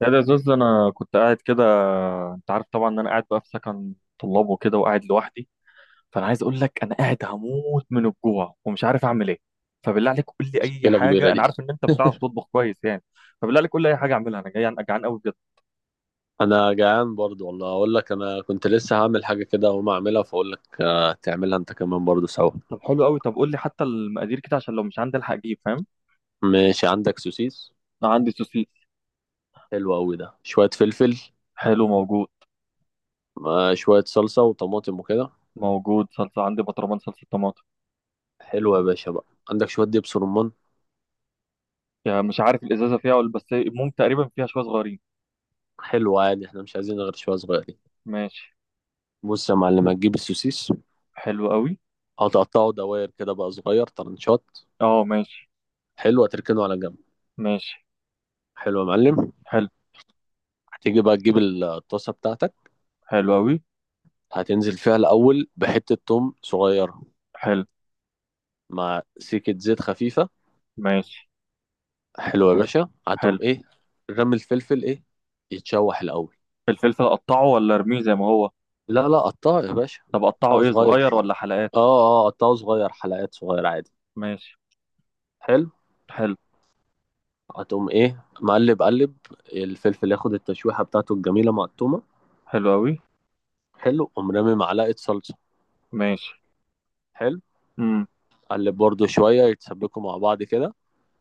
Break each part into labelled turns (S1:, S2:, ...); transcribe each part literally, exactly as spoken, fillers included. S1: لا، ده يا زوز، انا كنت قاعد كده. انت عارف طبعا ان انا قاعد بقى في سكن طلاب وكده، وقاعد لوحدي. فانا عايز اقول لك، انا قاعد هموت من الجوع ومش عارف اعمل ايه. فبالله عليك قول لي اي
S2: مشكلة كبيرة
S1: حاجه، انا
S2: دي.
S1: عارف ان انت بتعرف تطبخ كويس يعني. فبالله عليك قول لي اي حاجه اعملها، انا جاي جعان قوي بجد.
S2: أنا جعان برضو والله أقول لك، أنا كنت لسه هعمل حاجة كده وما أعملها فأقول لك آه، تعملها أنت كمان برضو سوا.
S1: طب حلو قوي. طب قول لي حتى المقادير كده عشان لو مش عندي الحق اجيب، فاهم؟
S2: ماشي عندك سوسيس؟
S1: انا عندي سوسيس.
S2: حلو أوي، ده شوية فلفل
S1: حلو، موجود.
S2: مع شوية صلصة وطماطم وكده.
S1: موجود، صلصه عندي، بطرمان صلصه طماطم.
S2: حلو يا باشا بقى. عندك شوية دبس رمان؟
S1: يعني مش عارف الازازه فيها ولا بس، المهم تقريبا فيها شويه صغيرين.
S2: حلو عادي، احنا مش عايزين غير شوية صغيرين.
S1: ماشي.
S2: بص يا معلم، هتجيب السوسيس،
S1: حلو قوي.
S2: هتقطعه دواير كده بقى صغير طرنشات.
S1: اه، ماشي.
S2: حلو، هتركنه على جنب.
S1: ماشي.
S2: حلو يا معلم.
S1: حلو.
S2: هتيجي بقى تجيب الطاسة بتاعتك،
S1: حلو أوي.
S2: هتنزل فيها الأول بحتة توم صغيرة
S1: حلو.
S2: مع سكة زيت خفيفة.
S1: ماشي.
S2: حلوة يا باشا،
S1: حلو.
S2: هاتهم ايه، رمي الفلفل ايه، يتشوح الأول.
S1: الفلفل أقطعه ولا أرميه زي ما هو؟
S2: لا لا، قطعه يا باشا،
S1: طب أقطعه
S2: قطعه
S1: إيه،
S2: صغير.
S1: صغير ولا حلقات؟
S2: اه اه قطعه صغير، حلقات صغيرة عادي.
S1: ماشي.
S2: حلو.
S1: حلو.
S2: هتقوم ايه مقلب قلب، الفلفل ياخد التشويحة بتاعته الجميلة مع التومة.
S1: حلو أوي.
S2: حلو، قوم رامي معلقة صلصة.
S1: ماشي.
S2: حلو،
S1: امم.
S2: قلب برضو شوية يتسبكوا مع بعض كده،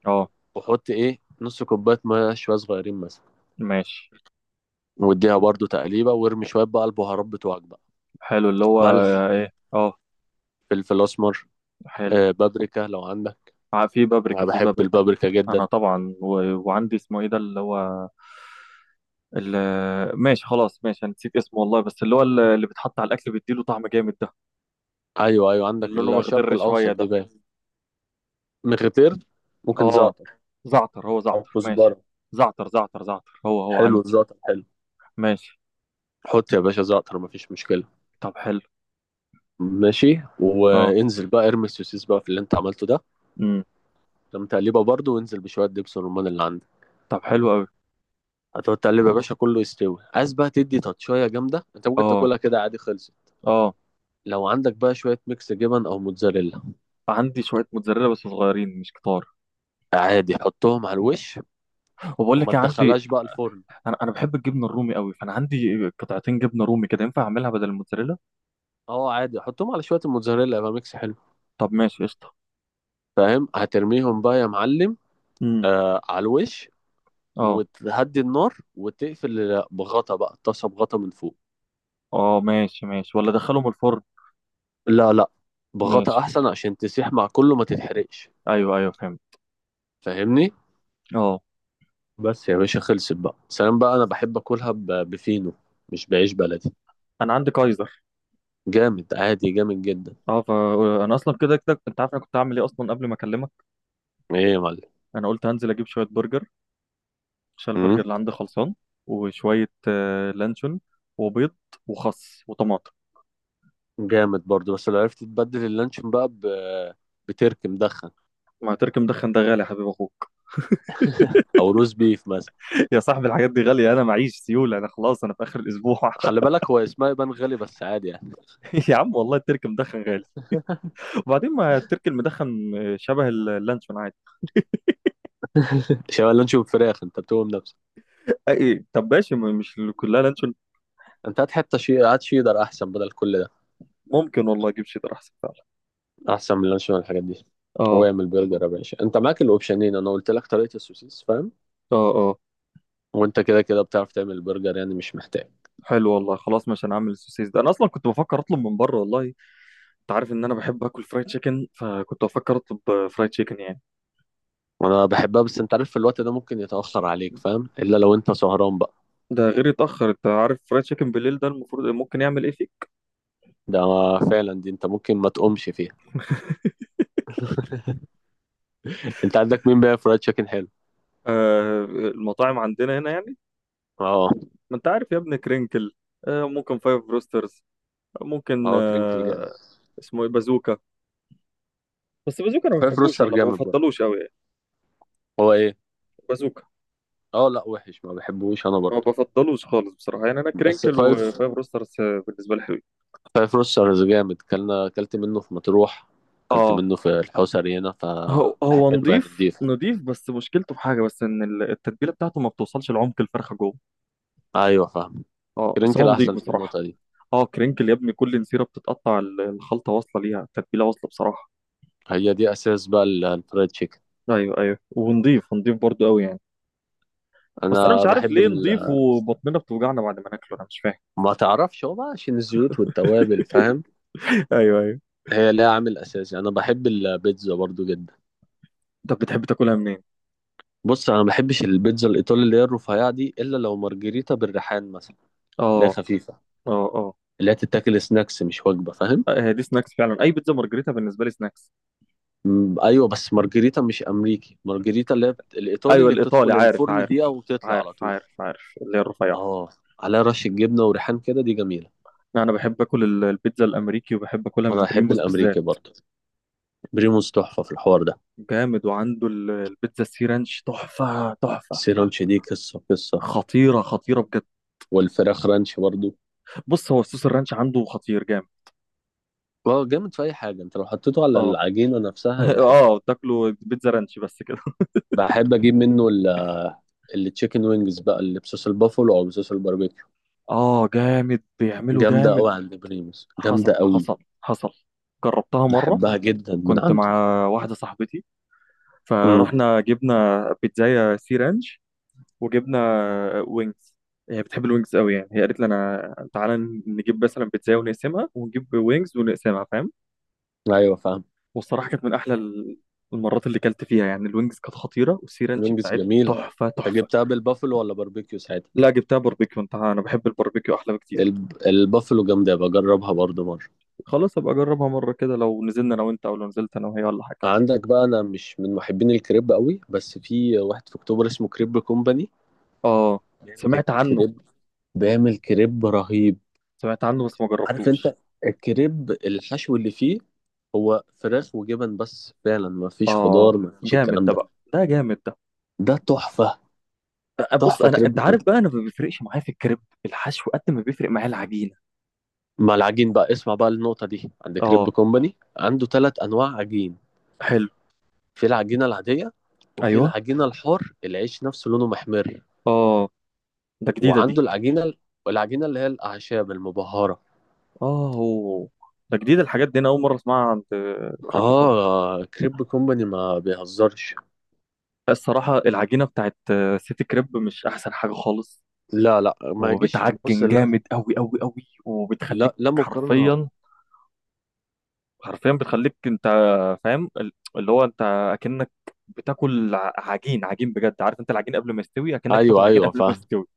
S1: أه.
S2: وحط ايه نص كوباية مية شوية صغيرين مثلا،
S1: ماشي.
S2: واديها برضو تقليبة وارمي شوية بقى البهارات بتوعك بقى:
S1: حلو، اللي هو.
S2: ملح،
S1: إيه، أه.
S2: فلفل أسمر،
S1: حلو.
S2: آه، بابريكا لو عندك.
S1: ع- في
S2: انا
S1: بابريكا في
S2: بحب
S1: بابريكا.
S2: البابريكا جدا.
S1: أنا طبعا و... وعندي اسمه إيه ده اللي هو. ال... ماشي، خلاص، ماشي، أنا نسيت اسمه والله، بس اللي هو ال- اللي بيتحط على الأكل بيديله طعم جامد ده.
S2: ايوه ايوه،
S1: اللي
S2: عندك
S1: لونه
S2: الشرق
S1: مخضر شوية
S2: الاوسط دي
S1: ده.
S2: باين، مغتير، ممكن
S1: أه.
S2: زعتر
S1: زعتر، هو
S2: او
S1: زعتر، ماشي.
S2: كزبره.
S1: زعتر زعتر زعتر هو هو
S2: حلو
S1: عندي.
S2: الزعتر حلو.
S1: ماشي.
S2: حط يا باشا زعتر مفيش مشكله.
S1: طب حلو.
S2: ماشي،
S1: اه.
S2: وانزل بقى ارمي السوسيس بقى في اللي انت عملته ده،
S1: امم.
S2: لما تقلبها برضه وانزل بشويه دبس الرمان اللي عندك.
S1: طب حلو قوي.
S2: هتقعد تقلب يا باشا كله يستوي، عايز بقى تدي تاتشايه جامده، انت ممكن
S1: اه،
S2: تاكلها كده عادي، خلصت.
S1: اه.
S2: لو عندك بقى شويه ميكس جبن او موتزاريلا
S1: عندي شويه موتزاريلا بس صغيرين مش كتار.
S2: عادي، حطهم على الوش،
S1: وبقول
S2: وما
S1: لك إيه، عندي.
S2: تدخلهاش بقى الفرن.
S1: انا انا بحب الجبنه الرومي قوي، فانا عندي قطعتين جبنه رومي كده، ينفع اعملها بدل الموتزاريلا؟
S2: اه عادي، حطهم على شويه الموتزاريلا يبقى ميكس حلو.
S1: طب ماشي، قشطه.
S2: فاهم، هترميهم بقى يا معلم،
S1: امم.
S2: آه على الوش،
S1: اه،
S2: وتهدي النار وتقفل بغطا بقى الطاسه، بغطا من فوق.
S1: اه، ماشي ماشي، ولا ادخلهم الفرن؟
S2: لا لا، بغطا
S1: ماشي.
S2: احسن عشان تسيح مع كله ما تتحرقش.
S1: ايوه ايوه، فهمت.
S2: فاهمني،
S1: اه.
S2: بس يا باشا خلصت بقى سلام بقى. انا بحب اكلها ب- بفينو، مش بعيش بلدي.
S1: انا عندي كايزر.
S2: جامد عادي، جامد جدا.
S1: اه، فانا اصلا كده كده انت عارف انا كنت هعمل ايه اصلا قبل ما اكلمك.
S2: ايه يا معلم؟
S1: انا قلت هنزل اجيب شويه برجر، عشان البرجر
S2: مم؟
S1: اللي عندي خلصان. وشويه آه، لانشون. وبيض. وخس وطماطم.
S2: جامد برضو، بس لو عرفت تبدل اللانشون بقى ب- بترك مدخن
S1: ما ترك مدخن ده غالي، يا حبيب اخوك.
S2: او روز بيف مثلا.
S1: يا صاحبي، الحاجات دي غاليه، انا معيش سيوله، انا خلاص، انا في اخر الاسبوع.
S2: خلي بالك هو اسمها يبان غالي بس عادي يعني.
S1: يا عم، والله الترك مدخن غالي. وبعدين، ما الترك المدخن شبه اللانشون عادي.
S2: شاورما وفراخ انت بتقوم نفسك.
S1: أي، طب ماشي، م- مش كلها لانشون.
S2: انت هات حته شي، هات شيدر احسن بدل كل ده،
S1: ممكن والله اجيب شيدر، احسن فعلا.
S2: احسن من اللانشون والحاجات دي.
S1: اه.
S2: واعمل برجر يا باشا، انت معاك الاوبشنين، انا قلت لك طريقه السوسيس فاهم،
S1: اه. اه.
S2: وانت كده كده بتعرف تعمل برجر يعني مش محتاج.
S1: حلو والله، خلاص مش هنعمل السوسيس ده، انا اصلا كنت بفكر اطلب من بره والله. انت عارف ان انا بحب اكل فرايد تشيكن، فكنت بفكر اطلب فرايد تشيكن يعني.
S2: وانا بحبها، بس انت عارف في الوقت ده ممكن يتاخر عليك فاهم، الا لو انت سهران بقى.
S1: ده غير يتاخر، انت عارف فرايد تشيكن بالليل ده المفروض ممكن يعمل ايه فيك.
S2: ده فعلا دي انت ممكن ما تقومش فيها. انت عندك مين بقى فرايد تشيكن حلو؟
S1: آه، المطاعم عندنا هنا يعني.
S2: اه
S1: ما انت عارف يا ابني، كرينكل. آه، ممكن فايف بروسترز. ممكن.
S2: اه كرينكل جامد.
S1: آه، اسمه ايه، بازوكا. بس بازوكا انا ما
S2: فايف
S1: بحبوش
S2: روستر
S1: والله، ما
S2: جامد برضه.
S1: بفضلوش قوي يعني.
S2: هو ايه؟
S1: بازوكا.
S2: اه لا وحش، ما بحبوش انا
S1: ما
S2: برضه.
S1: بفضلوش خالص بصراحه يعني، انا
S2: بس
S1: كرينكل
S2: فايف،
S1: وفايف بروسترز، آه، بالنسبه لي حلو.
S2: فايف روسترز جامد، كلنا اكلت منه في مطروح، اكلت
S1: اه،
S2: منه في الحوسري هنا
S1: هو هو
S2: فحلو يعني
S1: نضيف
S2: نضيف.
S1: نضيف، بس مشكلته في حاجه بس، ان ال- التتبيله بتاعته ما بتوصلش لعمق الفرخه جوه.
S2: ايوه فاهم.
S1: اه، بس
S2: كرنكل
S1: هو
S2: احسن
S1: نضيف
S2: في
S1: بصراحه.
S2: النقطه دي.
S1: اه، كرينكل يا ابني كل نسيره بتتقطع، ال- الخلطه واصله ليها، التتبيله واصله بصراحه.
S2: هي دي اساس بقى ال- الفرايد تشيكن.
S1: ايوه ايوه، ونضيف نضيف برضو قوي يعني. بس انا
S2: انا
S1: مش عارف
S2: بحب
S1: ليه
S2: ال...
S1: نضيف، وبطننا بتوجعنا بعد ما ناكله، انا مش فاهم.
S2: ما تعرفش هو بقى عشان الزيوت والتوابل فاهم،
S1: ايوه ايوه.
S2: هي ليها عامل اساسي. انا بحب البيتزا برضو جدا.
S1: طب بتحب تاكلها منين؟
S2: بص انا ما بحبش البيتزا الايطالي اللي هي الرفيعه دي الا لو مارجريتا بالريحان مثلا، اللي
S1: اه.
S2: هي خفيفه،
S1: اه. اه.
S2: اللي هي تتاكل سناكس مش وجبه فاهم.
S1: آه، هي دي سناكس فعلا، اي بيتزا مارجريتا بالنسبه لي سناكس.
S2: مم، ايوه بس مارجريتا مش امريكي، مارجريتا اللي هي بت... الايطالي
S1: ايوه،
S2: اللي بتدخل
S1: الايطالي، عارف
S2: الفرن
S1: عارف.
S2: دقيقه وتطلع على
S1: عارف
S2: طول.
S1: عارف عارف اللي هي الرفيعه.
S2: اه عليها رشه جبنه وريحان كده دي جميله.
S1: انا بحب اكل ال- البيتزا الامريكي، وبحب اكلها
S2: انا
S1: من
S2: احب
S1: بريموس
S2: الامريكي
S1: بالذات.
S2: برضه. بريموس تحفه في الحوار ده.
S1: جامد، وعنده ال- البيتزا السي رانش تحفه تحفه.
S2: السيرانش دي قصه قصه.
S1: خطيره خطيره بجد.
S2: والفراخ رانش برضه.
S1: بص هو صوص الرانش عنده خطير جامد.
S2: اه جامد في اي حاجه، انت لو حطيته على
S1: اه.
S2: العجينه نفسها يبقى حلو.
S1: اه، تاكله بيتزا رانش بس كده.
S2: بحب اجيب منه ال التشيكن وينجز بقى اللي بصوص البافلو او بصوص الباربيكيو.
S1: اه جامد، بيعمله
S2: جامده
S1: جامد.
S2: قوي عند بريموس، جامده
S1: حصل
S2: قوي.
S1: حصل. حصل. جربتها مرة.
S2: بحبها جدا من
S1: كنت
S2: عنده.
S1: مع واحدة صاحبتي.
S2: امم
S1: فرحنا جبنا بيتزاية سي رانش، وجبنا وينجز. هي بتحب الوينجز قوي يعني، هي قالت لي انا تعالى نجيب مثلا بيتزاية ونقسمها، ونجيب وينجز ونقسمها، فاهم؟
S2: ايوه فاهم.
S1: والصراحة كانت من احلى ال- المرات اللي كلت فيها يعني. الوينجز كانت خطيرة، والسي رانش
S2: وينجز
S1: بتاعت
S2: جميلة،
S1: تحفة
S2: انت
S1: تحفة.
S2: جبتها بالبافلو ولا باربيكيو ساعتها؟
S1: لا، جبتها باربيكيو، انت انا بحب الباربيكيو احلى بكتير.
S2: الب... البافلو جامدة، بجربها برضو مرة.
S1: خلاص ابقى اجربها مرة كده، لو نزلنا انا وانت او لو نزلت انا وهي ولا حاجة.
S2: عندك بقى، انا مش من محبين الكريب قوي بس في واحد في اكتوبر اسمه كريب كومباني،
S1: اه.
S2: بيعمل
S1: سمعت عنه.
S2: الكريب، بيعمل كريب رهيب.
S1: سمعت عنه بس ما
S2: عارف انت،
S1: جربتوش.
S2: الكريب الحشو اللي فيه هو فراخ وجبن بس فعلا، ما فيش خضار،
S1: اه
S2: ما فيش
S1: جامد
S2: الكلام
S1: ده
S2: ده.
S1: بقى، ده جامد ده.
S2: ده تحفة.
S1: آه، بص
S2: تحفة
S1: انا،
S2: كريب
S1: انت عارف
S2: كومباني.
S1: بقى، انا ما بيفرقش معايا في الكريب، الحشو قد ما بيفرق معايا العجينه.
S2: مع العجين بقى، اسمع بقى النقطة دي، عند كريب
S1: اه.
S2: كومباني عنده ثلاث انواع عجين:
S1: حلو.
S2: في العجينة العادية، وفي
S1: ايوه.
S2: العجينة الحار العيش نفسه لونه محمر،
S1: اه. ده جديده دي.
S2: وعنده العجينة، العجينة اللي هي الأعشاب المبهرة.
S1: اه هو. ده جديده الحاجات دي، انا اول مره اسمعها عند آه، كريب كومباني.
S2: آه كريب كومباني ما بيهزرش.
S1: الصراحه العجينه بتاعت آه، سيتي كريب مش احسن حاجه خالص،
S2: لا لا ما يجيش، بص
S1: وبتعجن
S2: لا.
S1: جامد قوي قوي قوي،
S2: لا
S1: وبتخليك
S2: لا مقارنة.
S1: حرفيا. حرفيا بتخليك انت، فاهم ال- اللي هو انت اكنك بتاكل ع- عجين عجين بجد، عارف انت العجين قبل ما يستوي، اكنك
S2: أيوه
S1: بتاكل عجين
S2: أيوه
S1: قبل ما
S2: فاهم.
S1: يستوي.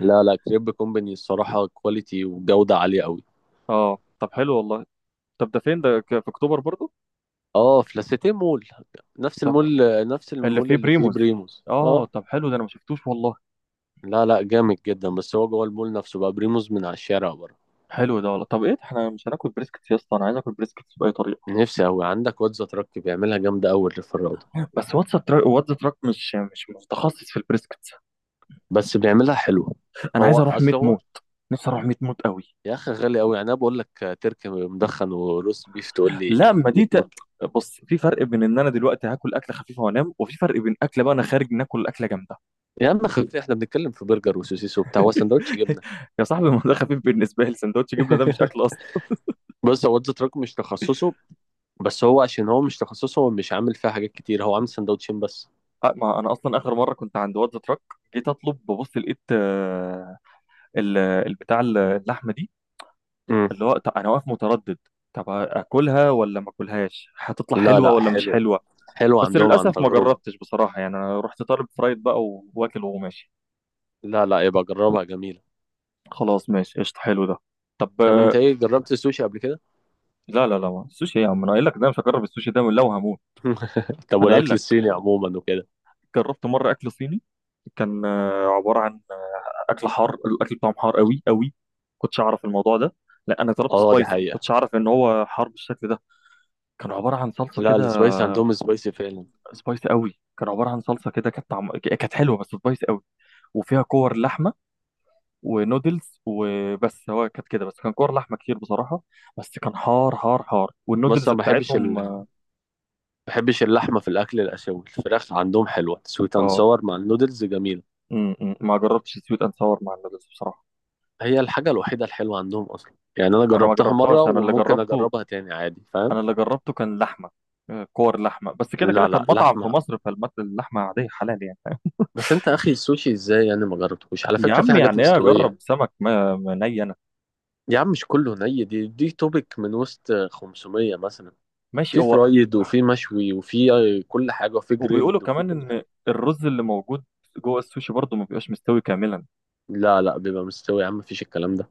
S2: لا لا كريب كومباني الصراحة كواليتي وجودة عالية أوي.
S1: اه، طب حلو والله. طب ده فين ده، ك- في اكتوبر برضو؟
S2: آه في لاسيتيه مول، نفس المول،
S1: طب.
S2: نفس
S1: اللي
S2: المول
S1: فيه
S2: اللي فيه
S1: بريموز.
S2: بريموز
S1: اه،
S2: آه.
S1: طب حلو، ده انا ما شفتوش والله.
S2: لا لا جامد جدا، بس هو جوه المول نفسه بقى، بريموز من على الشارع بره.
S1: حلو ده والله. طب ايه ده، احنا مش هناكل بريسكتس يا اسطى، انا عايز اكل بريسكتس باي طريقه.
S2: نفسي أوي، عندك واد زتركي بيعملها جامدة أوي اللي في الروضة،
S1: بس واتس تراك، واتس تراك مش مش متخصص في البريسكتس.
S2: بس بيعملها حلوة.
S1: انا
S2: هو
S1: عايز اروح
S2: أصل
S1: ميت
S2: هو،
S1: موت. نفسي اروح ميت موت قوي.
S2: يا أخي غالي أوي يعني، أنا بقول لك تركي مدخن وروس بيف تقول لي
S1: لا، ما دي ت...
S2: بتموت.
S1: بص، في فرق بين ان انا دلوقتي هاكل اكله خفيفه وانام، وفي فرق بين اكله بقى انا خارج ناكل اكله جامده.
S2: يا عم خلي احنا بنتكلم في برجر وسوسيس وبتاع، هو سندوتش جبنة.
S1: يا صاحبي، ما ده خفيف بالنسبه لي، سندوتش جبنه ده مش اكل اصلا.
S2: بص هو واد زتركي مش تخصصه، بس هو عشان هو مش تخصصه هو مش عامل فيها حاجات كتير، هو عامل سندوتشين بس.
S1: أ- ما انا اصلا اخر مره كنت عند واد تراك، جيت اطلب ببص لقيت، آه، ال- البتاع ال- اللحمه دي،
S2: مم.
S1: اللي هو، طب انا واقف متردد، طب اكلها ولا ما اكلهاش، هتطلع
S2: لا
S1: حلوه
S2: لا
S1: ولا مش
S2: حلوة،
S1: حلوه؟
S2: حلوة
S1: بس
S2: عندهم عن
S1: للاسف ما
S2: تجربة.
S1: جربتش بصراحه يعني، انا رحت طالب فرايد بقى و- واكل وماشي.
S2: لا لا يبقى جربها جميلة.
S1: خلاص ماشي، قشطه، حلو ده. طب.
S2: طب انت ايه، جربت السوشي قبل كده؟
S1: لا لا لا، ما. السوشي يا عم، انا قايل لك ده مش هجرب السوشي ده لو هموت.
S2: طب
S1: انا قايل
S2: والاكل
S1: لك،
S2: الصيني عموما وكده.
S1: جربت مره اكل صيني، كان آه، عباره عن اكل حار، الاكل بتاعهم حار قوي قوي، كنتش اعرف الموضوع ده. لا، انا طلبت
S2: اه دي
S1: سبايسي،
S2: حقيقة.
S1: كنتش اعرف ان هو حار بالشكل ده. كان عباره عن صلصه
S2: لا
S1: كده.
S2: السبايسي عندهم سبايسي فعلا.
S1: سبايسي قوي، كان عباره عن صلصه كده، كانت طعم... كانت حلوه بس سبايسي قوي. وفيها كور لحمه ونودلز وبس، هو كانت كده بس، كان كور لحمه كتير بصراحه. بس كان حار حار حار،
S2: بس
S1: والنودلز
S2: أنا ما بحبش ال...
S1: بتاعتهم،
S2: ما
S1: اه.
S2: بحبش اللحمة في الأكل الآسيوي، الفراخ عندهم حلوة سويت أند
S1: آه.
S2: ساور مع النودلز جميلة.
S1: م- م. ما جربتش سويت اند ساور مع النودلز بصراحه.
S2: هي الحاجة الوحيدة الحلوة عندهم أصلا يعني، أنا
S1: ما انا ما
S2: جربتها مرة
S1: جربتهاش، انا اللي
S2: وممكن
S1: جربته،
S2: أجربها تاني عادي فاهم.
S1: انا اللي جربته كان لحمه، آه، كور لحمه بس كده
S2: لا
S1: كده،
S2: لا
S1: كان مطعم في
S2: لحمة.
S1: مصر فالمت اللحمه عاديه حلال يعني.
S2: بس أنت أخي السوشي إزاي يعني ما جربتهوش؟ على
S1: يا
S2: فكرة في
S1: عم،
S2: حاجات
S1: يعني ايه اجرب
S2: مستوية.
S1: سمك، ما ما ني انا.
S2: يا عم مش كله ني، دي دي توبك من وسط خمسميه مثلا.
S1: ماشي،
S2: في
S1: هو.
S2: فرايد وفي مشوي وفي كل حاجة، وفي
S1: وبيقولوا
S2: جريلد وفي
S1: كمان
S2: كل حاجة.
S1: ان الرز اللي موجود جوه السوشي برضه ما بيبقاش مستوي كاملا.
S2: لا لا بيبقى مستوي يا عم، مفيش الكلام ده.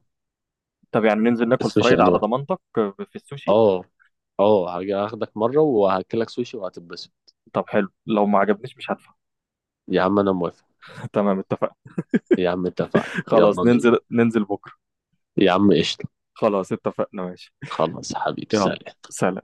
S1: طب يعني ننزل ناكل
S2: السوشي
S1: فرايد على
S2: انواع.
S1: ضمانتك؟ في السوشي.
S2: اه اه، هاجي اخدك مره وهاكلك سوشي وهتتبسط.
S1: طب حلو، لو ما عجبنيش مش هدفع.
S2: يا عم انا موافق.
S1: تمام، اتفقنا.
S2: يا عم اتفقنا، يلا
S1: خلاص،
S2: بينا.
S1: ننزل ننزل بكره.
S2: يا عم قشطه.
S1: خلاص، اتفقنا، ماشي.
S2: خلاص حبيبي
S1: يلا.
S2: سلام.
S1: سلام.